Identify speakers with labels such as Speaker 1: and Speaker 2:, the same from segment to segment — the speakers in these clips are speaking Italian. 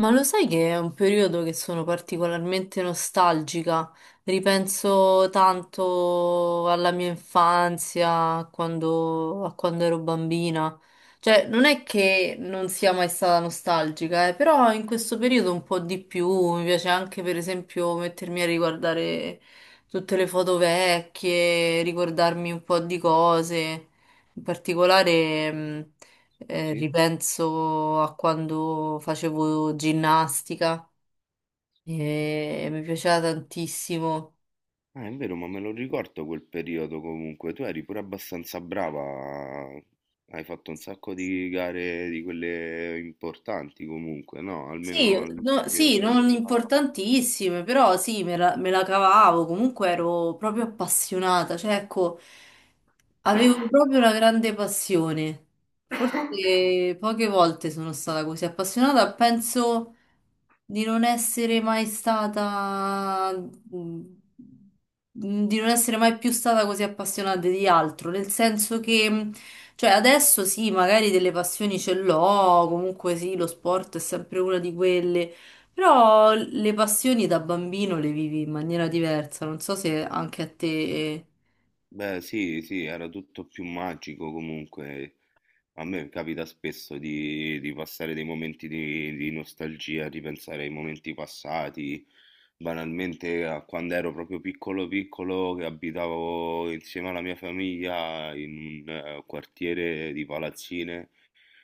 Speaker 1: Ma lo sai che è un periodo che sono particolarmente nostalgica? Ripenso tanto alla mia infanzia, a quando ero bambina. Cioè, non è che non sia mai stata nostalgica, però in questo periodo un po' di più. Mi piace anche, per esempio, mettermi a riguardare tutte le foto vecchie, ricordarmi un po' di cose. In particolare.
Speaker 2: Ah sì?
Speaker 1: Ripenso a quando facevo ginnastica e mi piaceva tantissimo.
Speaker 2: Ah, è vero, ma me lo ricordo quel periodo comunque. Tu eri pure abbastanza brava. Hai fatto un sacco di gare di quelle importanti comunque, no?
Speaker 1: Sì,
Speaker 2: Almeno a
Speaker 1: sì,
Speaker 2: livello
Speaker 1: non
Speaker 2: regionale.
Speaker 1: importantissime, però sì, me la cavavo, comunque ero proprio appassionata, cioè ecco, avevo proprio una grande passione. Forse poche volte sono stata così appassionata, penso di non essere mai stata, mhmm, di non essere mai più stata così appassionata di altro, nel senso che... cioè, adesso sì, magari delle passioni ce l'ho, comunque sì, lo sport è sempre una di quelle, però le passioni da bambino le vivi in maniera diversa, non so se anche a te...
Speaker 2: Beh, sì, sì, era tutto più magico comunque. A me capita spesso di passare dei momenti di nostalgia, di pensare ai momenti passati, banalmente a quando ero proprio piccolo piccolo che abitavo insieme alla mia famiglia in un quartiere di palazzine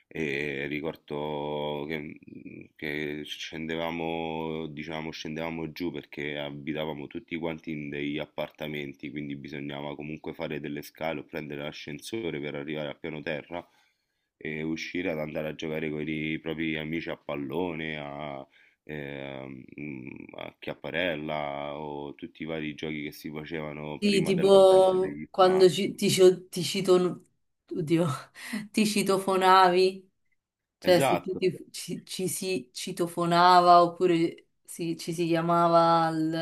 Speaker 2: e ricordo che che scendevamo, diciamo, scendevamo giù perché abitavamo tutti quanti in degli appartamenti, quindi bisognava comunque fare delle scale o prendere l'ascensore per arrivare al piano terra e uscire ad andare a giocare con i propri amici a pallone, a, ehm, mm, a chiapparella o tutti i vari giochi che si facevano
Speaker 1: Sì,
Speaker 2: prima dell'avvento
Speaker 1: tipo
Speaker 2: degli
Speaker 1: quando ci-
Speaker 2: smartphone.
Speaker 1: ti, ci- ti cito... Oddio, ti citofonavi, cioè se tu
Speaker 2: Esatto,
Speaker 1: ci si citofonava oppure ci si chiamava al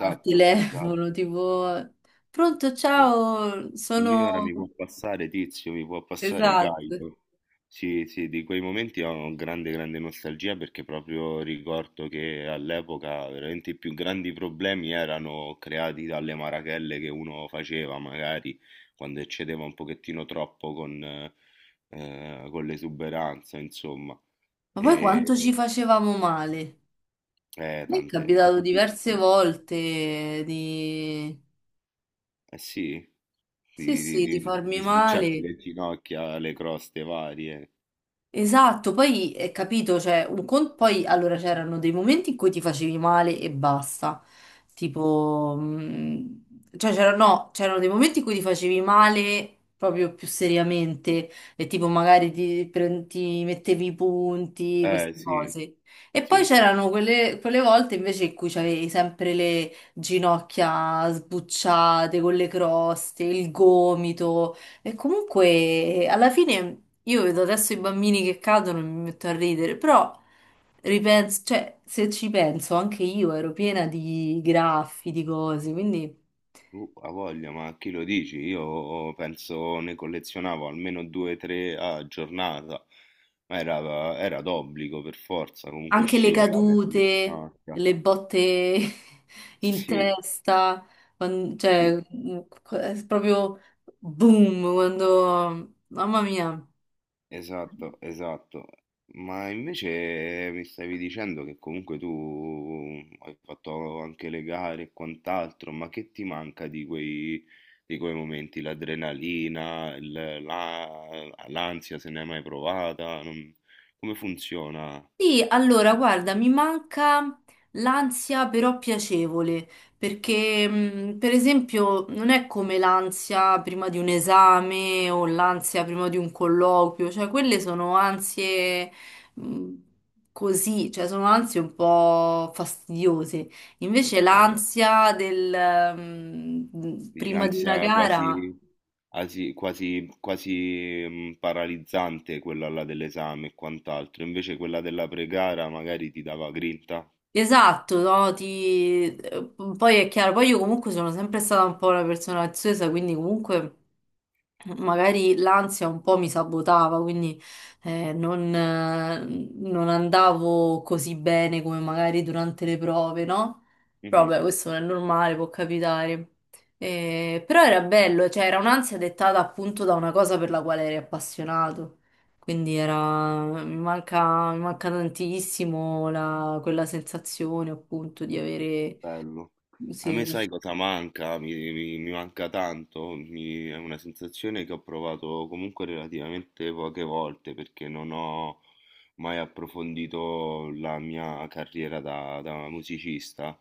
Speaker 1: al telefono,
Speaker 2: esatto.
Speaker 1: tipo... Pronto, ciao,
Speaker 2: Signora,
Speaker 1: sono...
Speaker 2: mi può passare Tizio, mi può passare
Speaker 1: Esatto.
Speaker 2: Caio. Sì, sì, di quei momenti ho grande, grande nostalgia perché proprio ricordo che all'epoca veramente i più grandi problemi erano creati dalle marachelle che uno faceva, magari quando eccedeva un pochettino troppo con l'esuberanza, insomma.
Speaker 1: Ma poi
Speaker 2: E,
Speaker 1: quanto ci facevamo male? Mi è
Speaker 2: tante, ma
Speaker 1: capitato
Speaker 2: tutti...
Speaker 1: diverse
Speaker 2: Eh
Speaker 1: volte di...
Speaker 2: sì,
Speaker 1: Sì,
Speaker 2: di, di,
Speaker 1: sì, di
Speaker 2: di,
Speaker 1: farmi
Speaker 2: di sbucciarti
Speaker 1: male.
Speaker 2: le ginocchia, le croste varie.
Speaker 1: Esatto, poi capito, cioè, poi allora c'erano dei momenti in cui ti facevi male e basta, tipo, cioè c'erano no, c'erano dei momenti in cui ti facevi male proprio più seriamente e tipo magari ti mettevi i punti,
Speaker 2: Eh
Speaker 1: queste
Speaker 2: sì,
Speaker 1: cose. E poi
Speaker 2: sì, sì,
Speaker 1: c'erano quelle volte invece in cui c'avevi sempre le ginocchia sbucciate con le croste, il gomito. E comunque, alla fine, io vedo adesso i bambini che cadono e mi metto a ridere, però ripenso, cioè, se ci penso, anche io ero piena di graffi, di cose, quindi
Speaker 2: uh, ha voglia, ma chi lo dici? Io oh, penso ne collezionavo almeno due o tre a giornata, ma era d'obbligo per forza, comunque
Speaker 1: anche le
Speaker 2: scivolate sulle
Speaker 1: cadute,
Speaker 2: ginocchia.
Speaker 1: le botte in
Speaker 2: Sì,
Speaker 1: testa, cioè,
Speaker 2: sì,
Speaker 1: è proprio boom, quando... Mamma mia.
Speaker 2: esatto, esatto. Ma invece mi stavi dicendo che comunque tu hai fatto anche le gare e quant'altro, ma che ti manca di quei momenti? L'adrenalina, il- la- l'ansia, se ne hai mai provata? Non- come funziona?
Speaker 1: Sì, allora,
Speaker 2: Eh,
Speaker 1: guarda, mi manca l'ansia però piacevole, perché per esempio non è come l'ansia prima di un esame o l'ansia prima di un colloquio, cioè quelle sono ansie mh, così, cioè sono ansie un po' fastidiose. Invece
Speaker 2: Ok.
Speaker 1: l'ansia del
Speaker 2: Dici
Speaker 1: prima di una
Speaker 2: ansia
Speaker 1: gara.
Speaker 2: quasi, asi- quasi, paralizzante quella là dell'esame e quant'altro, invece quella della pregara magari ti dava grinta?
Speaker 1: Esatto, no, ti... Poi è chiaro, poi io comunque sono sempre stata un po' una persona ansiosa, quindi comunque magari l'ansia un po' mi sabotava, quindi eh, non, eh, non andavo così bene come magari durante le prove, no? Però
Speaker 2: Mh-mh.
Speaker 1: vabbè, questo non è normale, può capitare. Però era bello, cioè era un'ansia dettata appunto da una cosa per la quale eri appassionato. Quindi
Speaker 2: Ah,
Speaker 1: era, mi manca tantissimo quella sensazione appunto di avere...
Speaker 2: bello. A
Speaker 1: sì,
Speaker 2: me sai cosa manca? Mi manca tanto, mi è una sensazione che ho provato comunque relativamente poche volte perché non ho mai approfondito la mia carriera da musicista,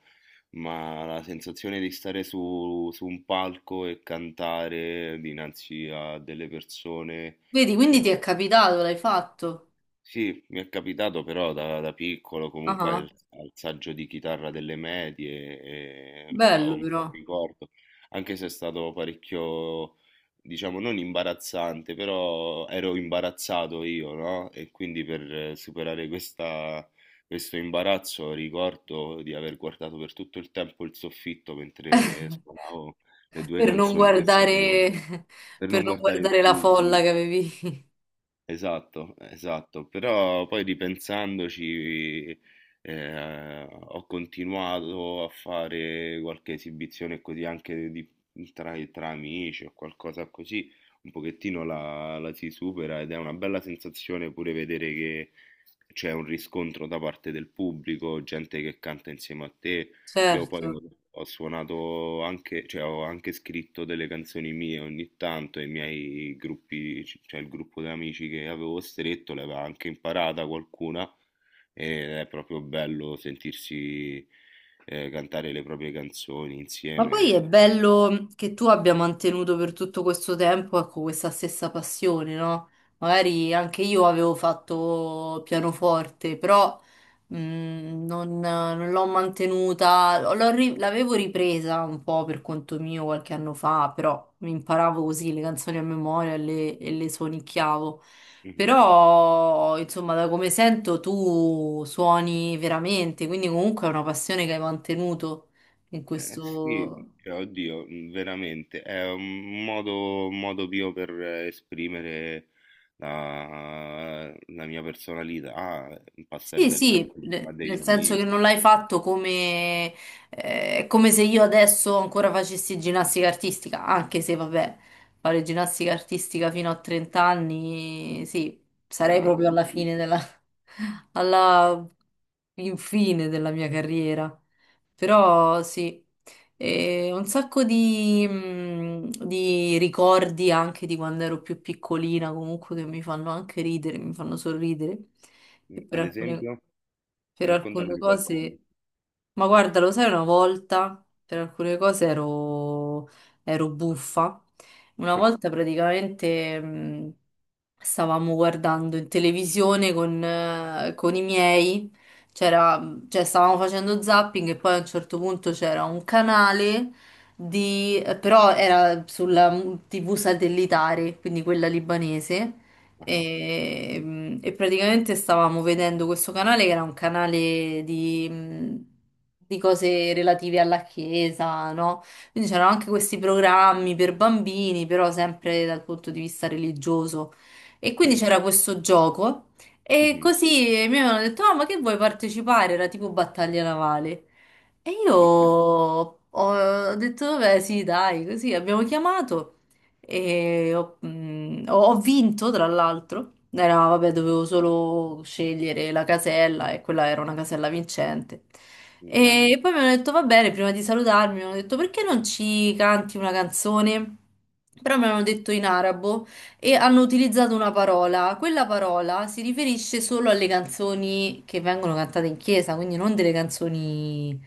Speaker 2: ma la sensazione di stare su un palco e cantare dinanzi a delle persone,
Speaker 1: vedi, quindi ti
Speaker 2: ehm
Speaker 1: è capitato, l'hai fatto?
Speaker 2: sì, mi è capitato però da piccolo
Speaker 1: Ah,
Speaker 2: comunque
Speaker 1: ah,
Speaker 2: al, al saggio di chitarra delle medie, e, ho
Speaker 1: bello
Speaker 2: un bel
Speaker 1: però.
Speaker 2: ricordo, anche se è stato parecchio, diciamo, non imbarazzante, però ero imbarazzato io, no? E quindi per superare questa- questo imbarazzo ricordo di aver guardato per tutto il tempo il soffitto mentre suonavo le due
Speaker 1: Per non
Speaker 2: canzoni che sapevo,
Speaker 1: guardare,
Speaker 2: per
Speaker 1: per
Speaker 2: non
Speaker 1: non
Speaker 2: guardare il
Speaker 1: guardare la folla
Speaker 2: pubblico.
Speaker 1: che avevi.
Speaker 2: Esatto, esatto, però poi ripensandoci, ho continuato a fare qualche esibizione così anche di- tra, tra amici o qualcosa così, un pochettino la, la si supera ed è una bella sensazione pure vedere che c'è un riscontro da parte del pubblico, gente che canta insieme a te, io poi
Speaker 1: Certo.
Speaker 2: ho ho suonato anche, cioè ho anche scritto delle canzoni mie ogni tanto, e i miei gruppi, c- cioè il gruppo di amici che avevo stretto, l'aveva anche imparata qualcuna, ed è proprio bello sentirsi cantare le proprie canzoni
Speaker 1: Ma poi è
Speaker 2: insieme. Eh.
Speaker 1: bello che tu abbia mantenuto per tutto questo tempo, ecco, questa stessa passione, no? Magari anche io avevo fatto pianoforte, però mh, non l'ho mantenuta, l'avevo ripresa un po' per conto mio qualche anno fa, però mi imparavo così le canzoni a memoria e e le suonicchiavo.
Speaker 2: Mhm.
Speaker 1: Però, insomma, da come sento tu suoni veramente, quindi comunque è una passione che hai mantenuto in
Speaker 2: Sì,
Speaker 1: questo...
Speaker 2: cioè, oddio, veramente, è un modo mio per esprimere la mia personalità, passare
Speaker 1: Sì,
Speaker 2: del tempo
Speaker 1: sì,
Speaker 2: insieme a
Speaker 1: nel
Speaker 2: degli
Speaker 1: senso che
Speaker 2: amici,
Speaker 1: non l'hai fatto come, è come se io adesso ancora facessi ginnastica artistica, anche se vabbè, fare ginnastica artistica fino a 30 anni, sì,
Speaker 2: mi
Speaker 1: sarei
Speaker 2: sembra un po'
Speaker 1: proprio alla fine
Speaker 2: difficile.
Speaker 1: della, alla infine della mia carriera. Però sì. E un sacco di ricordi anche di quando ero più piccolina, comunque che mi fanno anche ridere, mi fanno sorridere.
Speaker 2: Mm,
Speaker 1: E per
Speaker 2: ad esempio,
Speaker 1: per
Speaker 2: raccontami
Speaker 1: alcune
Speaker 2: di qualcuno.
Speaker 1: cose, ma guarda, lo sai, una volta per alcune cose ero, ero buffa. Una volta praticamente stavamo guardando in televisione con i miei. C'era cioè stavamo facendo zapping e poi a un certo punto c'era un canale di, però era sulla TV satellitare, quindi quella libanese,
Speaker 2: Ah,
Speaker 1: e, e praticamente stavamo vedendo questo canale che era un canale di, di cose relative alla chiesa, no? Quindi c'erano anche questi programmi per bambini, però sempre dal punto di vista religioso. E quindi
Speaker 2: sì,
Speaker 1: c'era questo gioco. E
Speaker 2: mhm,
Speaker 1: così mi avevano detto, ah, ma che vuoi partecipare? Era tipo battaglia navale. E io
Speaker 2: ok,
Speaker 1: ho detto, vabbè, sì, dai, così abbiamo chiamato e ho vinto, tra l'altro. Era, vabbè, dovevo solo scegliere la casella e quella era una casella vincente.
Speaker 2: grande,
Speaker 1: E poi mi hanno detto, va bene, prima di salutarmi, mi hanno detto, perché non ci canti una canzone? Però mi hanno detto in arabo e hanno utilizzato una parola. Quella parola si riferisce solo alle canzoni che vengono cantate in chiesa, quindi non delle canzoni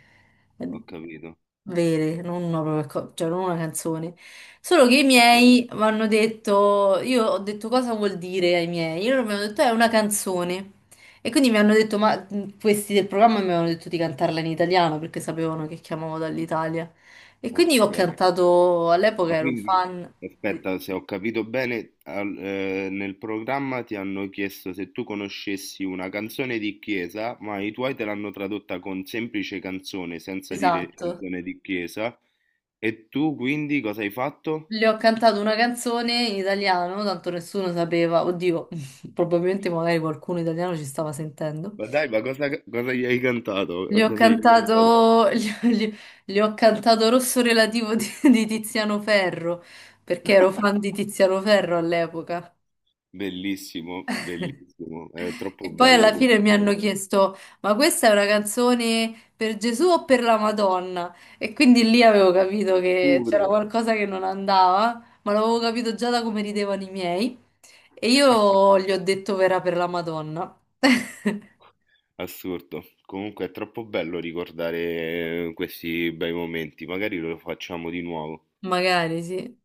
Speaker 1: eh,
Speaker 2: ho capito,
Speaker 1: vere, non una, propria co- cioè non una canzone. Solo che i
Speaker 2: ho
Speaker 1: miei
Speaker 2: capito,
Speaker 1: mi hanno detto, io ho detto cosa vuol dire ai miei, e loro mi hanno detto è una canzone. E quindi mi hanno detto, ma questi del programma mi avevano detto di cantarla in italiano perché sapevano che chiamavo dall'Italia. E quindi
Speaker 2: ok.
Speaker 1: ho cantato, all'epoca
Speaker 2: Ma
Speaker 1: ero
Speaker 2: quindi,
Speaker 1: fan, di-
Speaker 2: aspetta, se ho capito bene, al- nel programma ti hanno chiesto se tu conoscessi una canzone di chiesa, ma i tuoi te l'hanno tradotta con semplice canzone, senza dire
Speaker 1: esatto.
Speaker 2: canzone di chiesa, e tu quindi cosa hai fatto?
Speaker 1: Le ho cantato una canzone in italiano, tanto nessuno sapeva, oddio, probabilmente magari qualcuno italiano ci stava sentendo.
Speaker 2: Ma dai, ma cosa, cosa gli hai cantato?
Speaker 1: Le ho
Speaker 2: Cosa gli hai cantato?
Speaker 1: cantato, le, le ho cantato Rosso Relativo di Tiziano Ferro, perché ero fan di Tiziano Ferro all'epoca.
Speaker 2: Bellissimo, bellissimo, è troppo
Speaker 1: E poi
Speaker 2: bello
Speaker 1: alla fine mi hanno
Speaker 2: comunque.
Speaker 1: chiesto, ma questa è una canzone per Gesù o per la Madonna? E quindi lì avevo capito che
Speaker 2: Pure.
Speaker 1: c'era qualcosa che non andava, ma l'avevo capito già da come ridevano i miei. E io gli ho detto verrà per la Madonna.
Speaker 2: Assurdo. Comunque è troppo bello ricordare questi bei momenti, magari lo facciamo di nuovo.
Speaker 1: Magari sì.